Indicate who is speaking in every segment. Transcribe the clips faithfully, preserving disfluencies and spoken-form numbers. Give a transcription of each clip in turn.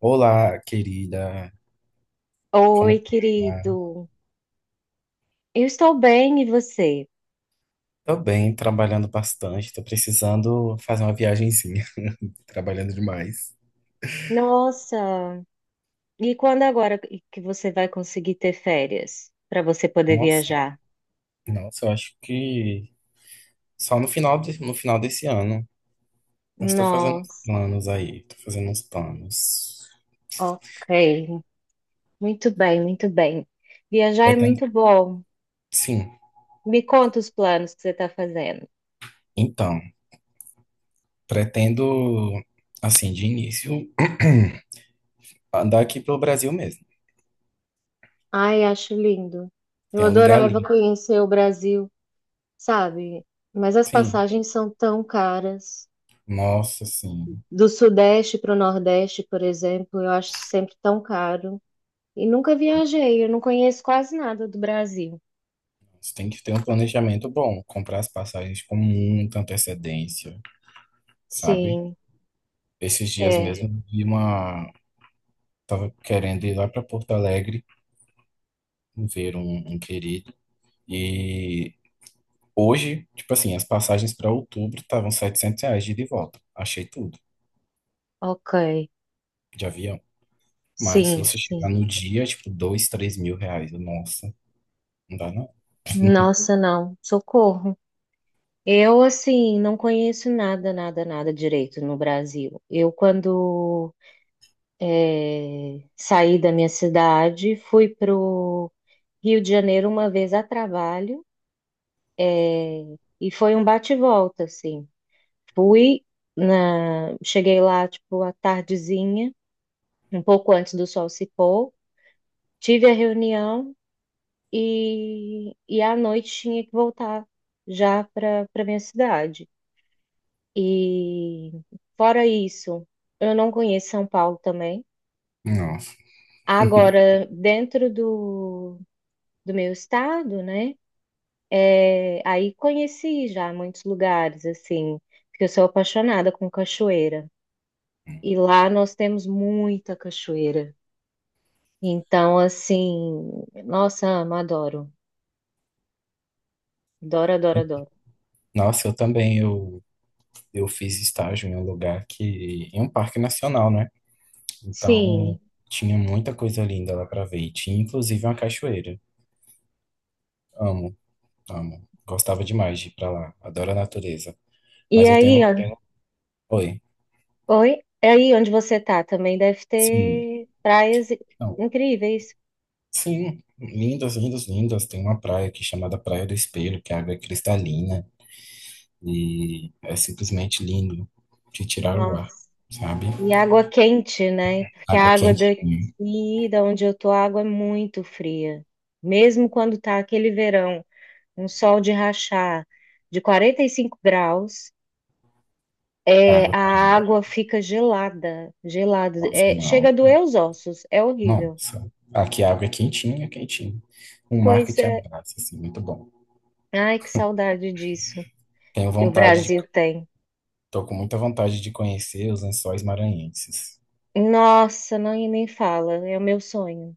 Speaker 1: Olá, querida. Como
Speaker 2: Oi,
Speaker 1: tá?
Speaker 2: querido. Eu estou bem, e você?
Speaker 1: Tô bem, trabalhando bastante. Tô precisando fazer uma viagenzinha. Trabalhando demais.
Speaker 2: Nossa, e quando agora que você vai conseguir ter férias para você poder
Speaker 1: Nossa,
Speaker 2: viajar?
Speaker 1: nossa, eu acho que só no final de, no final desse ano. Eu estou fazendo uns
Speaker 2: Nossa,
Speaker 1: planos aí. Tô fazendo uns planos.
Speaker 2: ok. Muito bem, muito bem. Viajar é
Speaker 1: Pretendo,
Speaker 2: muito bom.
Speaker 1: sim.
Speaker 2: Me conta os planos que você está fazendo.
Speaker 1: Então, pretendo, assim, de início, andar aqui pelo Brasil mesmo.
Speaker 2: Ai, acho lindo. Eu
Speaker 1: Tem um lugar
Speaker 2: adorava
Speaker 1: ali.
Speaker 2: conhecer o Brasil, sabe? Mas as
Speaker 1: Sim.
Speaker 2: passagens são tão caras.
Speaker 1: Nossa, sim.
Speaker 2: Do Sudeste para o Nordeste, por exemplo, eu acho sempre tão caro. E nunca viajei, eu não conheço quase nada do Brasil.
Speaker 1: Você tem que ter um planejamento bom, comprar as passagens com muita antecedência, sabe?
Speaker 2: Sim,
Speaker 1: Esses dias
Speaker 2: é,
Speaker 1: mesmo, eu vi uma. Tava querendo ir lá para Porto Alegre ver um, um querido. E hoje, tipo assim, as passagens para outubro estavam setecentos reais de ida e volta. Achei tudo,
Speaker 2: ok.
Speaker 1: de avião. Mas se
Speaker 2: Sim,
Speaker 1: você chegar
Speaker 2: sim.
Speaker 1: no dia, tipo, dois três mil reais. Nossa, não dá não.
Speaker 2: Nossa, não, socorro. Eu, assim, não conheço nada, nada, nada direito no Brasil. Eu, quando é, saí da minha cidade, fui pro Rio de Janeiro uma vez a trabalho, é, e foi um bate-volta, assim. Fui na, cheguei lá, tipo, à tardezinha, um pouco antes do sol se pôr. Tive a reunião e, e à noite tinha que voltar já para para minha cidade. E fora isso, eu não conheço São Paulo também.
Speaker 1: Não.
Speaker 2: Agora, dentro do, do meu estado, né? É, aí conheci já muitos lugares, assim, porque eu sou apaixonada com cachoeira. E lá nós temos muita cachoeira. Então, assim, nossa, amo, adoro. Adoro, adoro, adoro.
Speaker 1: Nossa, eu também, eu, eu fiz estágio em um lugar que, em um parque nacional, né? Então,
Speaker 2: Sim,
Speaker 1: tinha muita coisa linda lá pra ver. E tinha inclusive uma cachoeira. Amo, amo. Gostava demais de ir pra lá. Adoro a natureza.
Speaker 2: e
Speaker 1: Mas eu tenho.
Speaker 2: aí,
Speaker 1: von-
Speaker 2: ó, tem
Speaker 1: Oi.
Speaker 2: oi? É aí onde você tá também deve
Speaker 1: Sim.
Speaker 2: ter praias i-
Speaker 1: Não.
Speaker 2: incríveis.
Speaker 1: Sim. Lindas, lindas, lindas. Tem uma praia aqui chamada Praia do Espelho, que a água é cristalina. E é simplesmente lindo de tirar o ar,
Speaker 2: Nossa.
Speaker 1: sabe?
Speaker 2: E água quente, né? Porque
Speaker 1: Água
Speaker 2: a água
Speaker 1: quentinha.
Speaker 2: daqui, da onde eu tô, a água é muito fria. Mesmo quando tá aquele verão, um sol de rachar de quarenta e cinco graus, é,
Speaker 1: Água.
Speaker 2: a água fica gelada, gelada.
Speaker 1: Nossa,
Speaker 2: É,
Speaker 1: não.
Speaker 2: chega a doer os ossos, é horrível.
Speaker 1: Nossa. Aqui a água é quentinha, quentinha. Um mar que
Speaker 2: Pois
Speaker 1: te
Speaker 2: é.
Speaker 1: abraça, assim, muito bom.
Speaker 2: Ai, que saudade disso
Speaker 1: Tenho
Speaker 2: que o
Speaker 1: vontade de
Speaker 2: Brasil tem.
Speaker 1: Tô com muita vontade de conhecer os Lençóis Maranhenses.
Speaker 2: Nossa, não nem fala. É o meu sonho.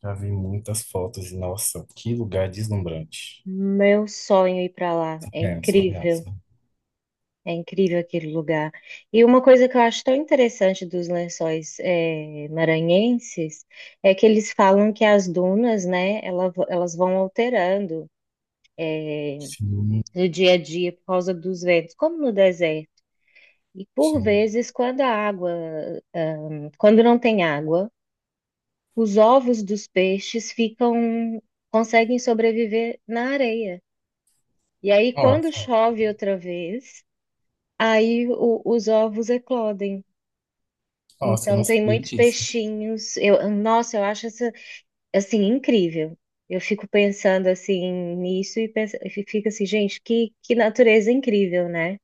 Speaker 1: Já vi muitas fotos e, nossa, que lugar deslumbrante.
Speaker 2: Meu sonho ir para lá. É
Speaker 1: É, surreal,
Speaker 2: incrível.
Speaker 1: surreal.
Speaker 2: É incrível aquele lugar. E uma coisa que eu acho tão interessante dos lençóis eh, maranhenses é que eles falam que as dunas, né, ela- elas vão alterando
Speaker 1: Sim,
Speaker 2: do dia a dia por causa dos ventos, como no deserto. E por
Speaker 1: sim.
Speaker 2: vezes, quando a água, ah, quando não tem água, os ovos dos peixes ficam, conseguem sobreviver na areia. E aí, quando
Speaker 1: Nossa,
Speaker 2: chove outra vez, aí o- os ovos eclodem.
Speaker 1: nossa, eu
Speaker 2: Então,
Speaker 1: não
Speaker 2: tem
Speaker 1: sabia
Speaker 2: muitos
Speaker 1: disso.
Speaker 2: peixinhos. Eu, nossa, eu acho essa, assim, incrível. Eu fico pensando, assim, nisso e, penso, e fico assim, gente, que, que natureza incrível, né?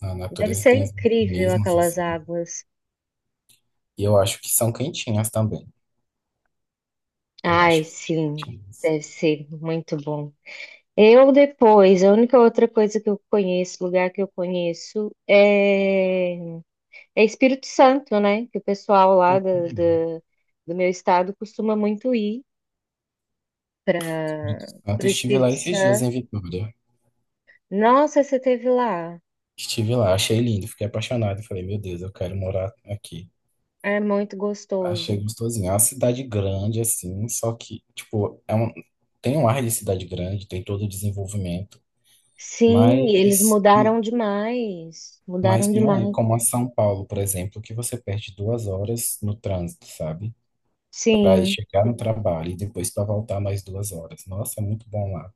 Speaker 1: A
Speaker 2: Deve
Speaker 1: natureza
Speaker 2: ser
Speaker 1: tem os
Speaker 2: incrível
Speaker 1: mecanismos,
Speaker 2: aquelas
Speaker 1: assim.
Speaker 2: águas.
Speaker 1: E eu acho que são quentinhas também. Eu acho
Speaker 2: Ai,
Speaker 1: que são
Speaker 2: sim,
Speaker 1: quentinhas.
Speaker 2: deve ser muito bom. Eu depois, a única outra coisa que eu conheço, lugar que eu conheço, é é Espírito Santo, né? Que o pessoal lá da-
Speaker 1: Uhum.
Speaker 2: da- do meu estado costuma muito ir
Speaker 1: Espírito
Speaker 2: para o
Speaker 1: Santo, estive lá
Speaker 2: Espírito
Speaker 1: esses dias em
Speaker 2: Santo.
Speaker 1: Vitória.
Speaker 2: Nossa, você teve lá.
Speaker 1: Estive lá, achei lindo, fiquei apaixonado. Falei, meu Deus, eu quero morar aqui.
Speaker 2: É muito
Speaker 1: Achei
Speaker 2: gostoso.
Speaker 1: gostosinho. É uma cidade grande, assim, só que, tipo, é um, tem um ar de cidade grande, tem todo o desenvolvimento,
Speaker 2: Sim, e eles
Speaker 1: mas,
Speaker 2: mudaram demais. Mudaram
Speaker 1: mas não é
Speaker 2: demais.
Speaker 1: como a São Paulo, por exemplo, que você perde duas horas no trânsito, sabe? Para ir
Speaker 2: Sim.
Speaker 1: chegar no trabalho e depois para voltar mais duas horas. Nossa, é muito bom lá.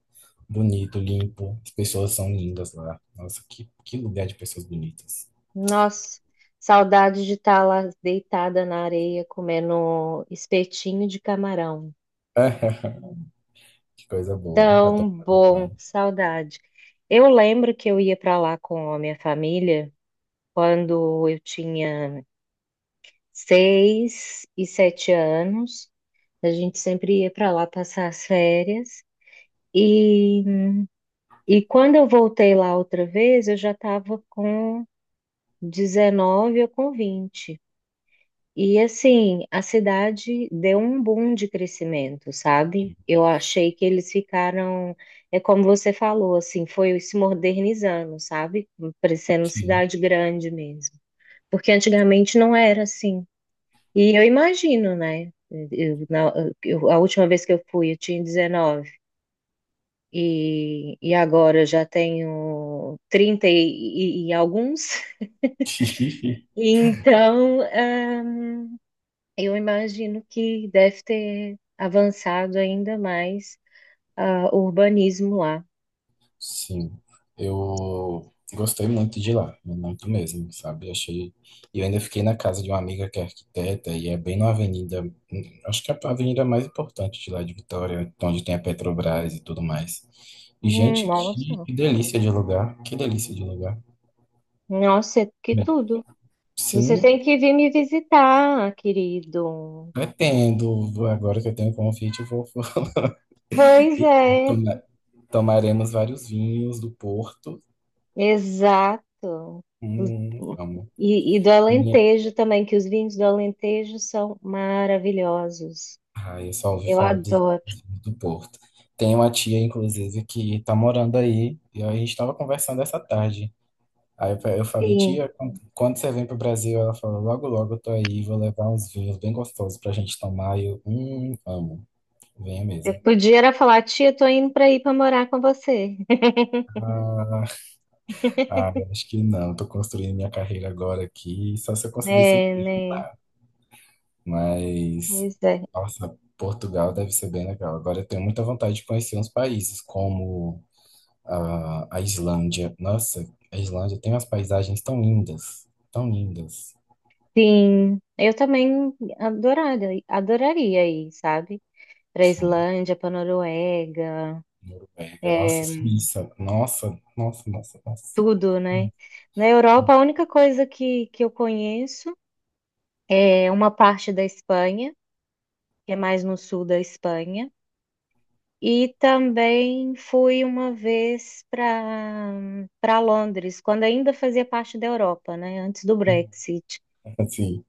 Speaker 1: Bonito, limpo, as pessoas são lindas lá. Nossa, que, que lugar de pessoas bonitas.
Speaker 2: Nossa, saudade de estar lá deitada na areia comendo espetinho de camarão.
Speaker 1: Que coisa boa.
Speaker 2: Tão
Speaker 1: Adoro.
Speaker 2: bom, saudade. Eu lembro que eu ia para lá com a minha família. Quando eu tinha seis e sete anos, a gente sempre ia para lá passar as férias. E, e quando eu voltei lá outra vez, eu já estava com dezenove ou com vinte. E assim, a cidade deu um boom de crescimento, sabe? Eu achei que eles ficaram, é como você falou, assim, foi se modernizando, sabe? Parecendo
Speaker 1: Sim.
Speaker 2: cidade grande mesmo. Porque antigamente não era assim. E eu imagino, né? Eu, na- eu- a última vez que eu fui, eu tinha dezenove. E, e agora eu já tenho trinta e, e- e alguns. Então, ah, eu imagino que deve ter avançado ainda mais ah, o urbanismo lá.
Speaker 1: Sim, eu gostei muito de lá, muito mesmo, sabe? Achei. E eu ainda fiquei na casa de uma amiga que é arquiteta e é bem na avenida, hum, acho que é a avenida mais importante de lá de Vitória, onde tem a Petrobras e tudo mais. E,
Speaker 2: Hum,
Speaker 1: gente, que,
Speaker 2: nossa,
Speaker 1: que delícia de lugar, que delícia de lugar.
Speaker 2: nossa, que
Speaker 1: Bem,
Speaker 2: tudo. Você tem
Speaker 1: sim,
Speaker 2: que vir me visitar, querido.
Speaker 1: pretendo, agora que eu tenho convite, eu vou
Speaker 2: Pois
Speaker 1: e
Speaker 2: é,
Speaker 1: toma- tomaremos vários vinhos do Porto.
Speaker 2: exato.
Speaker 1: Hum, amo.
Speaker 2: E, e do Alentejo também, que os vinhos do Alentejo são maravilhosos.
Speaker 1: Ah, eu só ouvi
Speaker 2: Eu
Speaker 1: falar de,
Speaker 2: adoro.
Speaker 1: de- do Porto. Tem uma tia, inclusive, que tá morando aí, e a gente tava conversando essa tarde. Aí eu, eu falei,
Speaker 2: Sim.
Speaker 1: tia, quando, quando você vem pro Brasil, ela falou, logo, logo eu tô aí, vou levar uns vinhos bem gostosos pra gente tomar. E eu, hum, amo, venha
Speaker 2: Eu
Speaker 1: mesmo.
Speaker 2: podia era falar, tia, tô indo para ir para morar com você.
Speaker 1: Ah, ah, eu acho que não, tô construindo minha carreira agora aqui, só se eu conseguisse
Speaker 2: É, né?
Speaker 1: empregar. Mas,
Speaker 2: Pois é.
Speaker 1: nossa, Portugal deve ser bem legal. Agora eu tenho muita vontade de conhecer uns países, como a, a Islândia. Nossa, a Islândia tem umas paisagens tão lindas, tão lindas.
Speaker 2: Sim. Eu também adoraria, adoraria ir, sabe? Para
Speaker 1: Sim,
Speaker 2: Islândia, para Noruega,
Speaker 1: Noruega, nossa,
Speaker 2: é,
Speaker 1: Suíça, nossa, nossa, nossa, nossa.
Speaker 2: tudo, né? Na Europa, a única coisa que, que eu conheço é uma parte da Espanha, que é mais no sul da Espanha. E também fui uma vez para para Londres, quando ainda fazia parte da Europa, né? Antes do Brexit.
Speaker 1: Assim,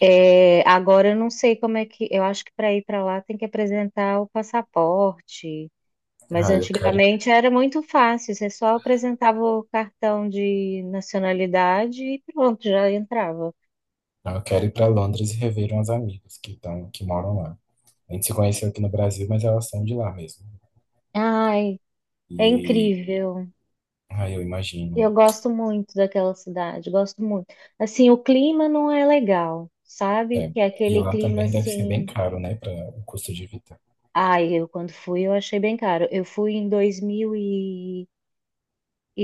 Speaker 2: É, agora eu não sei como é que. Eu acho que para ir para lá tem que apresentar o passaporte. Mas
Speaker 1: ah, eu quero,
Speaker 2: antigamente era muito fácil, você só apresentava o cartão de nacionalidade e pronto, já entrava.
Speaker 1: eu quero ir para Londres e rever umas amigas que estão, que moram lá. A gente se conheceu aqui no Brasil, mas elas são de lá mesmo.
Speaker 2: Ai, é
Speaker 1: E,
Speaker 2: incrível.
Speaker 1: ah, eu imagino.
Speaker 2: Eu gosto muito daquela cidade, gosto muito. Assim, o clima não é legal, sabe?
Speaker 1: É,
Speaker 2: Que é
Speaker 1: e
Speaker 2: aquele
Speaker 1: lá
Speaker 2: clima
Speaker 1: também deve ser bem
Speaker 2: assim.
Speaker 1: caro, né, para o custo de vida.
Speaker 2: Ai, eu quando fui eu achei bem caro. Eu fui em dois dois mil e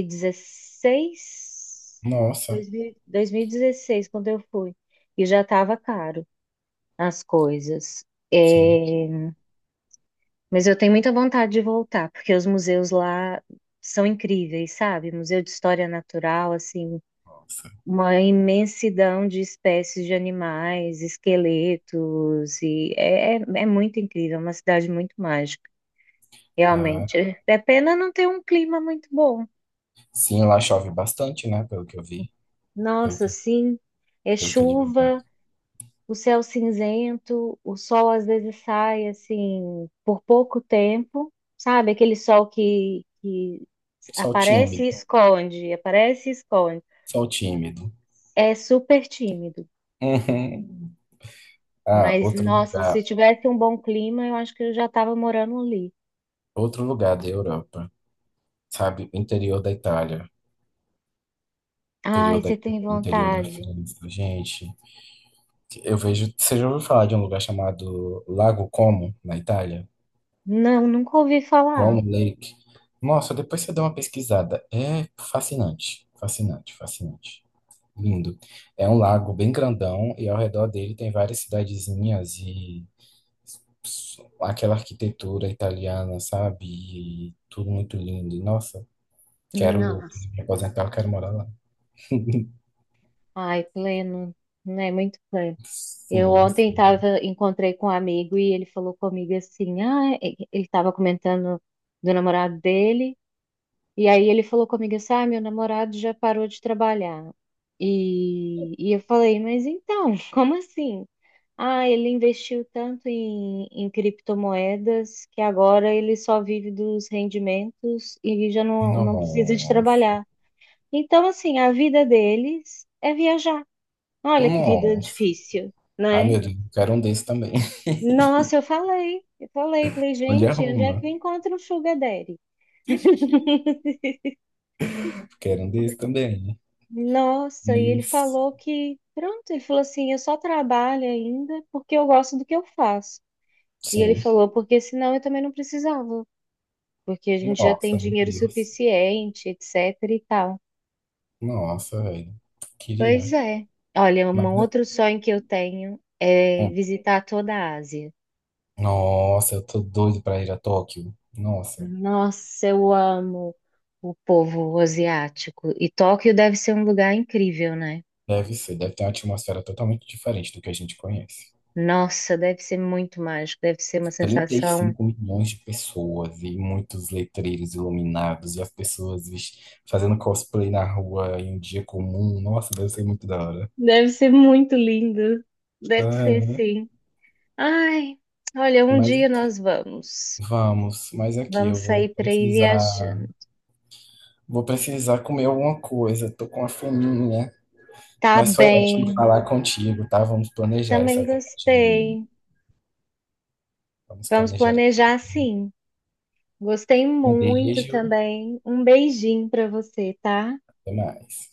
Speaker 2: dezesseis,
Speaker 1: Nossa,
Speaker 2: dois mil dois mil e dezesseis, quando eu fui, e já estava caro as coisas.
Speaker 1: sim,
Speaker 2: É, mas eu tenho muita vontade de voltar, porque os museus lá são incríveis, sabe? Museu de História Natural, assim.
Speaker 1: nossa.
Speaker 2: Uma imensidão de espécies de animais, esqueletos, e é, é, é muito incrível, é uma cidade muito mágica,
Speaker 1: Ah,
Speaker 2: realmente. É pena não ter um clima muito bom.
Speaker 1: sim, lá chove bastante, né, pelo que eu vi. Pelo
Speaker 2: Nossa,
Speaker 1: que,
Speaker 2: sim, é
Speaker 1: pelo que é de
Speaker 2: chuva,
Speaker 1: verdade.
Speaker 2: o céu cinzento, o sol às vezes sai assim por pouco tempo, sabe? Aquele sol que, que
Speaker 1: Só o
Speaker 2: aparece
Speaker 1: tímido,
Speaker 2: e esconde, aparece e esconde.
Speaker 1: só o tímido.
Speaker 2: É super tímido.
Speaker 1: Uhum. Ah,
Speaker 2: Mas,
Speaker 1: outro
Speaker 2: nossa, se
Speaker 1: lugar,
Speaker 2: tivesse um bom clima, eu acho que eu já estava morando ali.
Speaker 1: outro lugar da Europa, sabe? O interior da Itália,
Speaker 2: Ai,
Speaker 1: interior da,
Speaker 2: você tem
Speaker 1: interior da
Speaker 2: vontade?
Speaker 1: França, gente. Eu vejo, você já ouviu falar de um lugar chamado Lago Como, na Itália?
Speaker 2: Não, nunca ouvi falar.
Speaker 1: Como Lake. Nossa, depois você dá uma pesquisada. É fascinante, fascinante, fascinante. Lindo. É um lago bem grandão e ao redor dele tem várias cidadezinhas e aquela arquitetura italiana, sabe? E tudo muito lindo. E, nossa, quero
Speaker 2: Nossa.
Speaker 1: quando me aposentar, eu quero morar lá.
Speaker 2: Ai, pleno, né? Muito pleno. Eu
Speaker 1: Sim,
Speaker 2: ontem
Speaker 1: sim.
Speaker 2: tava, encontrei com um amigo e ele falou comigo assim, ah, é- ele estava comentando do namorado dele, e aí ele falou comigo assim, ah, meu namorado já parou de trabalhar. E, e eu falei, mas então, como assim? Ah, ele investiu tanto em, em criptomoedas que agora ele só vive dos rendimentos e já não, não precisa de
Speaker 1: Nossa,
Speaker 2: trabalhar. Então, assim, a vida deles é viajar. Olha que vida
Speaker 1: nossa.
Speaker 2: difícil,
Speaker 1: Ai,
Speaker 2: né?
Speaker 1: meu Deus, eu quero um desse também.
Speaker 2: Nossa, eu falei, eu falei, falei,
Speaker 1: Onde é
Speaker 2: gente, onde é
Speaker 1: Roma?
Speaker 2: que eu encontro o Sugar Daddy?
Speaker 1: Quero um desse também.
Speaker 2: Nossa, e ele
Speaker 1: Isso.
Speaker 2: falou que, pronto, ele falou assim, eu só trabalho ainda porque eu gosto do que eu faço. E ele
Speaker 1: Sim.
Speaker 2: falou, porque senão eu também não precisava. Porque a gente já tem
Speaker 1: Nossa, meu
Speaker 2: dinheiro
Speaker 1: Deus.
Speaker 2: suficiente, etc e tal.
Speaker 1: Nossa, velho.
Speaker 2: Pois
Speaker 1: Queria.
Speaker 2: é. Olha,
Speaker 1: Mas,
Speaker 2: um outro sonho que eu tenho é
Speaker 1: hum.
Speaker 2: visitar toda a Ásia.
Speaker 1: Nossa, eu tô doido pra ir a Tóquio. Nossa,
Speaker 2: Nossa, eu amo o povo asiático. E Tóquio deve ser um lugar incrível, né?
Speaker 1: deve ser. Deve ter uma atmosfera totalmente diferente do que a gente conhece.
Speaker 2: Nossa, deve ser muito mágico, deve ser uma
Speaker 1: trinta e
Speaker 2: sensação.
Speaker 1: cinco milhões de pessoas e muitos letreiros iluminados e as pessoas vis- fazendo cosplay na rua em um dia comum. Nossa, deve ser muito da hora.
Speaker 2: Deve ser muito lindo. Deve ser
Speaker 1: Ah,
Speaker 2: sim. Ai, olha, um
Speaker 1: mas
Speaker 2: dia
Speaker 1: aqui-
Speaker 2: nós vamos.
Speaker 1: vamos, mas aqui
Speaker 2: Vamos
Speaker 1: eu vou
Speaker 2: sair para ir
Speaker 1: precisar,
Speaker 2: viajando.
Speaker 1: vou precisar comer alguma coisa. Tô com uma fominha,
Speaker 2: Tá
Speaker 1: mas foi ótimo
Speaker 2: bem.
Speaker 1: falar contigo, tá? Vamos planejar essa
Speaker 2: Também
Speaker 1: viagem.
Speaker 2: gostei.
Speaker 1: Vamos
Speaker 2: Vamos
Speaker 1: planejar.
Speaker 2: planejar sim. Gostei
Speaker 1: Um
Speaker 2: muito
Speaker 1: beijo,
Speaker 2: também. Um beijinho para você, tá?
Speaker 1: até mais.